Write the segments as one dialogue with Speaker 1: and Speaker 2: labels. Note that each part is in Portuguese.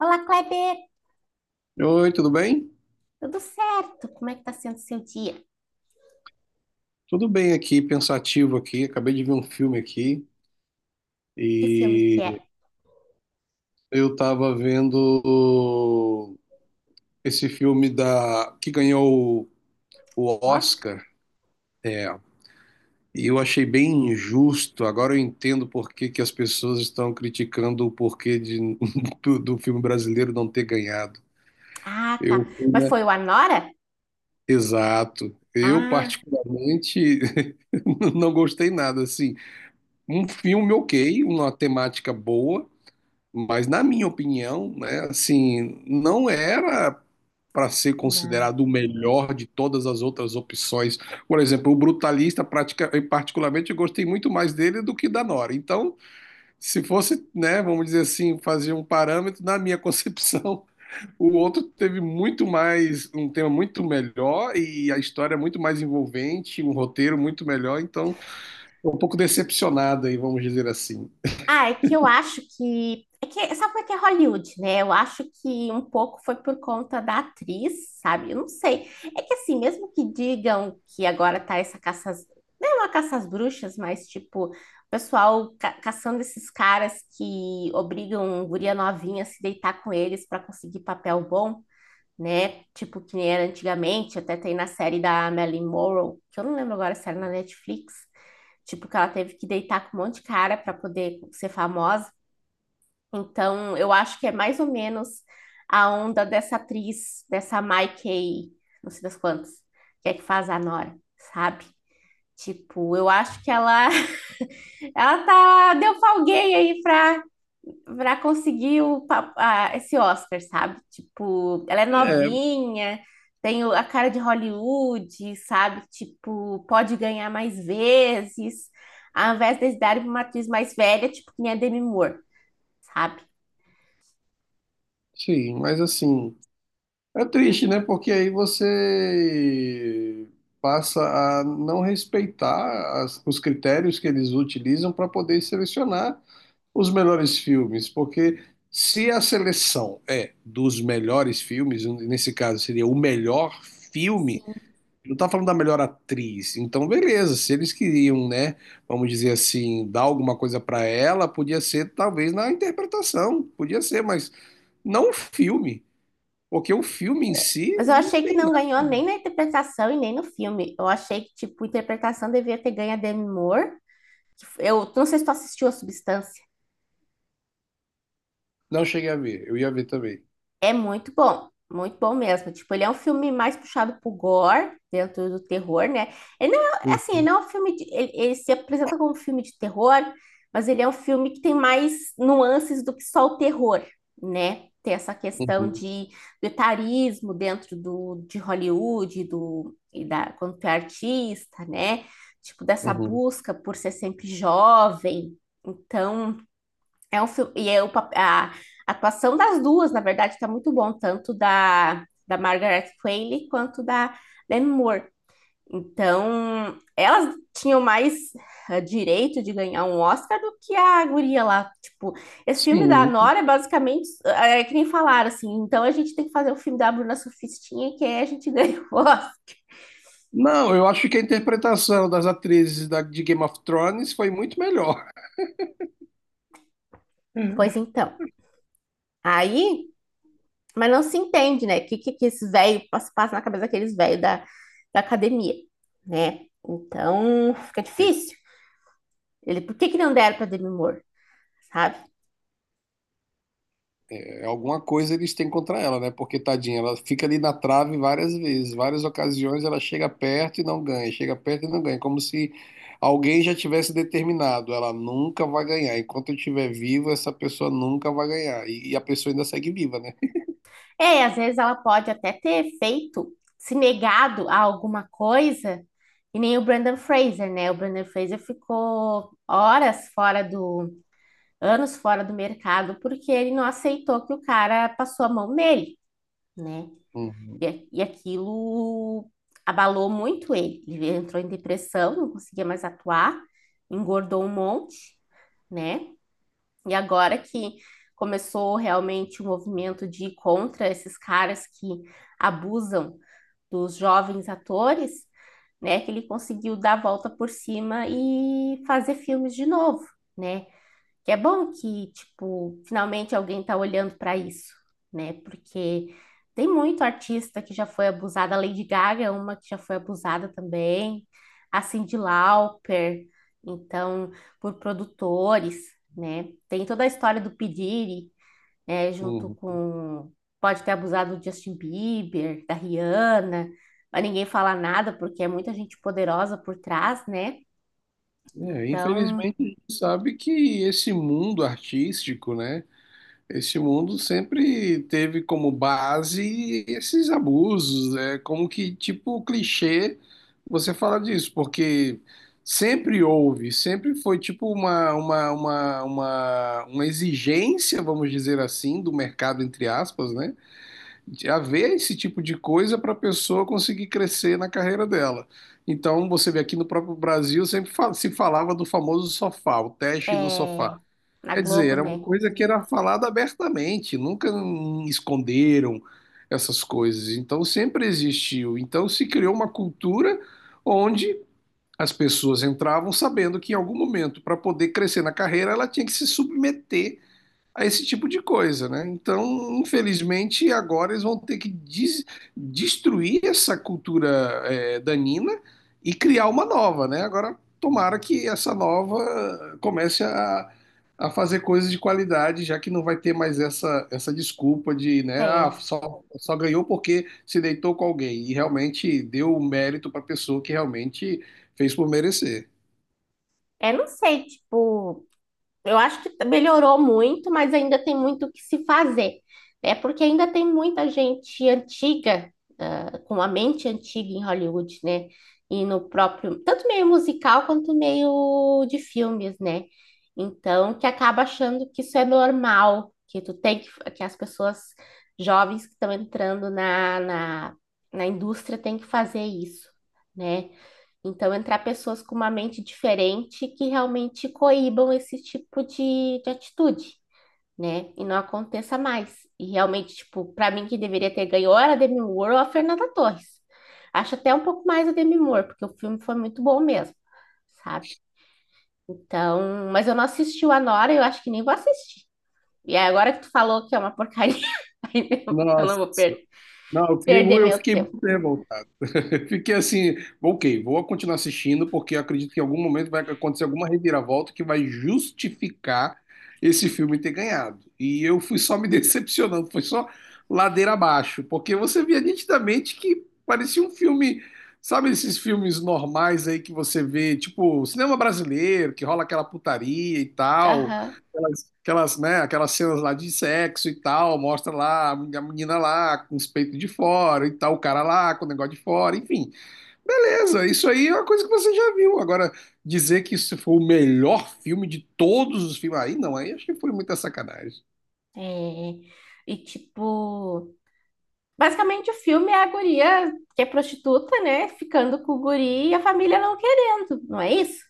Speaker 1: Olá, Kleber!
Speaker 2: Oi, tudo bem?
Speaker 1: Tudo certo? Como é que tá sendo o seu dia?
Speaker 2: Tudo bem aqui, pensativo aqui. Acabei de ver um filme aqui
Speaker 1: Que filme que é?
Speaker 2: e eu tava vendo esse filme da que ganhou o
Speaker 1: O Oscar?
Speaker 2: Oscar, é, e eu achei bem injusto. Agora eu entendo por que que as pessoas estão criticando o porquê de, do filme brasileiro não ter ganhado.
Speaker 1: Ah,
Speaker 2: Eu,
Speaker 1: tá. Mas
Speaker 2: né?
Speaker 1: foi o Anora?
Speaker 2: Exato. Eu,
Speaker 1: Ah,
Speaker 2: particularmente, não gostei nada, assim. Um filme ok, uma temática boa, mas, na minha opinião, né, assim, não era para ser
Speaker 1: não.
Speaker 2: considerado o melhor de todas as outras opções. Por exemplo, o Brutalista, eu, particularmente, eu gostei muito mais dele do que da Nora. Então, se fosse, né, vamos dizer assim, fazer um parâmetro, na minha concepção, o outro teve muito mais, um tema muito melhor e a história é muito mais envolvente, um roteiro muito melhor. Então, tô um pouco decepcionado aí, vamos dizer assim.
Speaker 1: Ah, é que eu acho que. É que, sabe como é que é Hollywood, né? Eu acho que um pouco foi por conta da atriz, sabe? Eu não sei. É que assim, mesmo que digam que agora tá essa caça. Às- Não é uma caça às bruxas, mas tipo, o pessoal caçando esses caras que obrigam guria novinha a se deitar com eles para conseguir papel bom, né? Tipo, que nem era antigamente, até tem na série da Marilyn Monroe, que eu não lembro agora se era na Netflix, tipo, que ela teve que deitar com um monte de cara para poder ser famosa. Então, eu acho que é mais ou menos a onda dessa atriz, dessa Mikey, não sei das quantas, que é que faz a Nora, sabe? Tipo, eu acho que ela, ela tá, deu pra alguém aí pra para conseguir o, esse Oscar, sabe? Tipo, ela é
Speaker 2: É,
Speaker 1: novinha, tem a cara de Hollywood, sabe? Tipo, pode ganhar mais vezes, ao invés de darem para uma atriz mais velha, tipo, que nem a Demi Moore, sabe?
Speaker 2: sim, mas assim. É triste, né? Porque aí você passa a não respeitar os critérios que eles utilizam para poder selecionar os melhores filmes. Porque se a seleção é dos melhores filmes, nesse caso seria o melhor filme,
Speaker 1: Sim.
Speaker 2: não está falando da melhor atriz. Então, beleza, se eles queriam, né, vamos dizer assim, dar alguma coisa para ela, podia ser talvez na interpretação, podia ser, mas não o filme. Porque o filme em si
Speaker 1: Mas eu
Speaker 2: não
Speaker 1: achei que
Speaker 2: tem
Speaker 1: não
Speaker 2: nada.
Speaker 1: ganhou nem na interpretação e nem no filme. Eu achei que, tipo, a interpretação devia ter ganho a Demi Moore. Eu não sei se tu assistiu a Substância.
Speaker 2: Não cheguei a ver, eu ia ver também.
Speaker 1: É muito bom mesmo. Tipo, ele é um filme mais puxado pro gore, dentro do terror, né? Ele não é, assim,
Speaker 2: Uhum,
Speaker 1: ele não é um filme de, ele se apresenta como um filme de terror, mas ele é um filme que tem mais nuances do que só o terror, né? Tem essa questão
Speaker 2: uhum,
Speaker 1: de do etarismo dentro do, de Hollywood, do, e da, quando tu é artista, né? Tipo, dessa
Speaker 2: uhum.
Speaker 1: busca por ser sempre jovem. Então, é um filme, e é o, a atuação das duas, na verdade, está muito bom, tanto da, da Margaret Qualley quanto da Demi Moore. Então, elas tinham mais direito de ganhar um Oscar do que a guria lá. Tipo, esse filme da
Speaker 2: Sim.
Speaker 1: Nora é basicamente, é que nem falaram assim, então a gente tem que fazer o filme da Bruna Surfistinha, que aí a gente ganha o Oscar.
Speaker 2: Não, eu acho que a interpretação das atrizes de Game of Thrones foi muito melhor.
Speaker 1: Pois então, aí Mas não se entende, né? O que, que esses velhos passa, passa na cabeça daqueles velhos da, da academia, né? Então fica
Speaker 2: É,
Speaker 1: difícil. Ele, por que, que não deram para Demi Moore, sabe?
Speaker 2: é, alguma coisa eles têm contra ela, né? Porque, tadinha, ela fica ali na trave várias vezes, várias ocasiões ela chega perto e não ganha, chega perto e não ganha, como se alguém já tivesse determinado, ela nunca vai ganhar. Enquanto eu estiver vivo, essa pessoa nunca vai ganhar. E a pessoa ainda segue viva, né?
Speaker 1: É, e às vezes ela pode até ter feito, se negado a alguma coisa, e nem o Brandon Fraser, né? O Brandon Fraser ficou horas fora do, anos fora do mercado, porque ele não aceitou que o cara passou a mão nele, né?
Speaker 2: Uhum,
Speaker 1: E, e aquilo abalou muito ele. Ele entrou em depressão, não conseguia mais atuar, engordou um monte, né? E agora que começou realmente o movimento de ir contra esses caras que abusam dos jovens atores, né? Que ele conseguiu dar a volta por cima e fazer filmes de novo, né? Que é bom que, tipo, finalmente alguém tá olhando para isso, né? Porque tem muito artista que já foi abusada. A Lady Gaga é uma que já foi abusada também. A Cyndi Lauper. Então, por produtores, né? Tem toda a história do P. Diddy, né? Junto
Speaker 2: uhum.
Speaker 1: com... Pode ter abusado do Justin Bieber, da Rihanna. Mas ninguém fala nada porque é muita gente poderosa por trás, né?
Speaker 2: É,
Speaker 1: Então,
Speaker 2: infelizmente, a gente sabe que esse mundo artístico, né? Esse mundo sempre teve como base esses abusos, é como que tipo clichê você fala disso, porque sempre houve, sempre foi tipo uma exigência, vamos dizer assim, do mercado, entre aspas, né? De haver esse tipo de coisa para a pessoa conseguir crescer na carreira dela. Então, você vê aqui no próprio Brasil, sempre se falava do famoso sofá, o teste do sofá.
Speaker 1: é... Na
Speaker 2: Quer dizer,
Speaker 1: Globo,
Speaker 2: era uma
Speaker 1: né?
Speaker 2: coisa que era falada abertamente, nunca esconderam essas coisas. Então, sempre existiu. Então, se criou uma cultura onde as pessoas entravam sabendo que em algum momento, para poder crescer na carreira, ela tinha que se submeter a esse tipo de coisa, né? Então, infelizmente, agora eles vão ter que destruir essa cultura é, danina e criar uma nova, né? Agora, tomara que essa nova comece a fazer coisas de qualidade, já que não vai ter mais essa desculpa de, né? Ah,
Speaker 1: É,
Speaker 2: só ganhou porque se deitou com alguém e realmente deu o mérito para a pessoa que realmente fez por merecer.
Speaker 1: é, não sei, tipo, eu acho que melhorou muito, mas ainda tem muito o que se fazer. É porque ainda tem muita gente antiga, ah, com a mente antiga em Hollywood, né? E no próprio, tanto meio musical quanto meio de filmes, né? Então, que acaba achando que isso é normal, que tu tem que as pessoas jovens que estão entrando na, na, na indústria têm que fazer isso, né? Então, entrar pessoas com uma mente diferente que realmente coíbam esse tipo de atitude, né? E não aconteça mais. E realmente, tipo, para mim que deveria ter ganho ou era a Demi Moore ou a Fernanda Torres. Acho até um pouco mais a Demi Moore, porque o filme foi muito bom mesmo, sabe? Então, mas eu não assisti o Anora, e eu acho que nem vou assistir. E aí, agora que tu falou que é uma porcaria, eu não
Speaker 2: Nossa,
Speaker 1: vou
Speaker 2: não, eu fiquei,
Speaker 1: perder
Speaker 2: eu
Speaker 1: meu
Speaker 2: fiquei
Speaker 1: tempo.
Speaker 2: muito revoltado. Fiquei assim, ok, vou continuar assistindo, porque eu acredito que em algum momento vai acontecer alguma reviravolta que vai justificar esse filme ter ganhado. E eu fui só me decepcionando, foi só ladeira abaixo, porque você via nitidamente que parecia um filme, sabe esses filmes normais aí que você vê, tipo, cinema brasileiro, que rola aquela putaria e tal.
Speaker 1: Aham.
Speaker 2: Aquelas, né, aquelas cenas lá de sexo e tal, mostra lá a menina lá com os peitos de fora e tal, o cara lá com o negócio de fora, enfim. Beleza, isso aí é uma coisa que você já viu. Agora, dizer que isso foi o melhor filme de todos os filmes, aí não, aí acho que foi muita sacanagem.
Speaker 1: É. E tipo, basicamente, o filme é a guria que é prostituta, né? Ficando com o guri e a família não querendo, não é isso?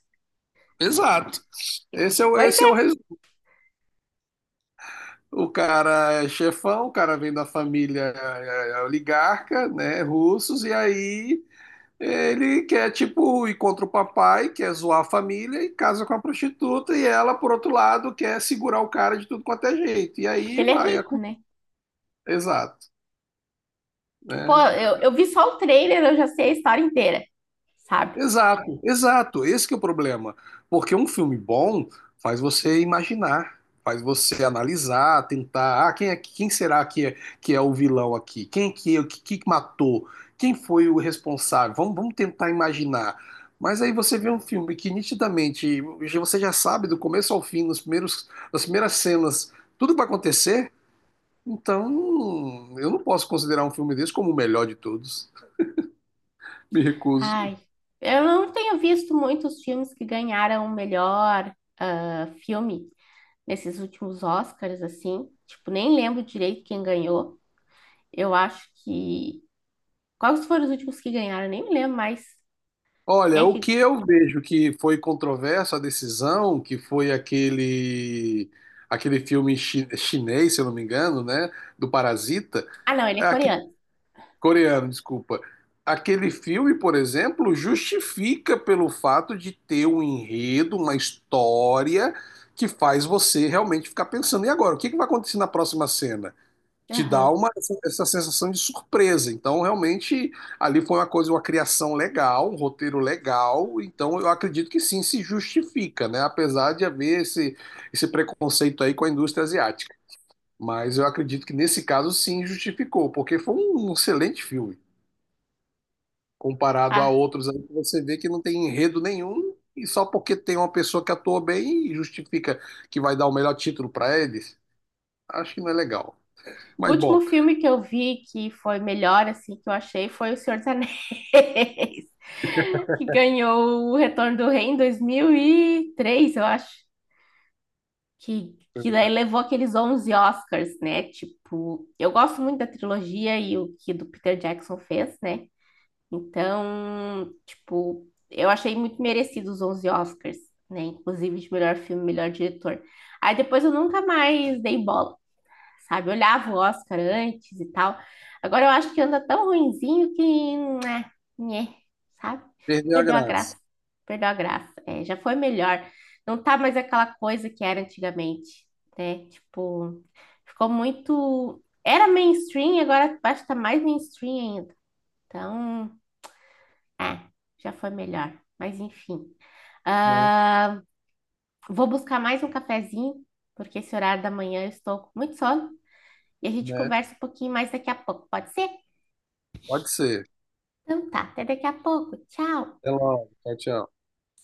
Speaker 2: Exato. Esse é o,
Speaker 1: Pois
Speaker 2: esse é
Speaker 1: é,
Speaker 2: o resultado. O cara é chefão, o cara vem da família é oligarca, né, russos, e aí ele quer, tipo, ir contra o papai, quer zoar a família e casa com a prostituta, e ela, por outro lado, quer segurar o cara de tudo quanto é jeito. E
Speaker 1: porque
Speaker 2: aí
Speaker 1: ele é
Speaker 2: vai. A
Speaker 1: rico, né?
Speaker 2: Exato.
Speaker 1: Pô,
Speaker 2: Né?
Speaker 1: eu vi só o trailer, eu já sei a história inteira, sabe?
Speaker 2: Exato, exato. Esse que é o problema. Porque um filme bom faz você imaginar, faz você analisar, tentar, ah, quem é, quem será que é o vilão aqui? Quem que, o que, que matou? Quem foi o responsável? Vamos tentar imaginar. Mas aí você vê um filme que nitidamente você já sabe do começo ao fim, nos primeiros, nas primeiras cenas, tudo vai acontecer. Então, eu não posso considerar um filme desse como o melhor de todos. Me recuso.
Speaker 1: Ai, eu não tenho visto muitos filmes que ganharam o melhor filme nesses últimos Oscars, assim. Tipo, nem lembro direito quem ganhou. Eu acho que. Quais foram os últimos que ganharam? Eu Nem me lembro mais. Quem
Speaker 2: Olha,
Speaker 1: é
Speaker 2: o
Speaker 1: que.
Speaker 2: que eu vejo que foi controverso a decisão, que foi aquele filme chinês, se eu não me engano, né, do Parasita,
Speaker 1: Ah, não, ele é
Speaker 2: aque-
Speaker 1: coreano.
Speaker 2: coreano, desculpa. Aquele filme, por exemplo, justifica pelo fato de ter um enredo, uma história que faz você realmente ficar pensando, e agora, o que que vai acontecer na próxima cena? Te dá
Speaker 1: Aham.
Speaker 2: uma, essa sensação de surpresa. Então, realmente, ali foi uma coisa, uma criação legal, um roteiro legal. Então, eu acredito que sim, se justifica, né? Apesar de haver esse preconceito aí com a indústria asiática. Mas eu acredito que nesse caso, sim, justificou, porque foi um excelente filme. Comparado a
Speaker 1: Ah,
Speaker 2: outros aí, que você vê que não tem enredo nenhum e só porque tem uma pessoa que atua bem e justifica que vai dar o melhor título para eles. Acho que não é legal.
Speaker 1: o
Speaker 2: Mas, bom,
Speaker 1: último filme que eu vi que foi melhor, assim, que eu achei foi O Senhor dos Anéis, que ganhou o Retorno do Rei em 2003 eu acho, que daí levou aqueles 11 Oscars, né? Tipo, eu gosto muito da trilogia e o que do Peter Jackson fez, né? Então, tipo, eu achei muito merecido os 11 Oscars, né? Inclusive de melhor filme, melhor diretor. Aí depois eu nunca mais dei bola, sabe? Olhava o Oscar antes e tal. Agora eu acho que anda tão ruinzinho que, né, né, sabe?
Speaker 2: perdeu a
Speaker 1: Perdeu a
Speaker 2: graça.
Speaker 1: graça, perdeu a graça. É, já foi melhor. Não tá mais aquela coisa que era antigamente, né? Tipo, ficou muito. Era mainstream, agora acho que tá mais mainstream ainda. Então, é, já foi melhor. Mas enfim.
Speaker 2: Né?
Speaker 1: Ah, vou buscar mais um cafezinho, porque esse horário da manhã eu estou com muito sono. E a gente
Speaker 2: Né?
Speaker 1: conversa um pouquinho mais daqui a pouco, pode ser?
Speaker 2: Pode ser.
Speaker 1: Então tá, até daqui a pouco. Tchau!
Speaker 2: Até logo. Tchau, tchau.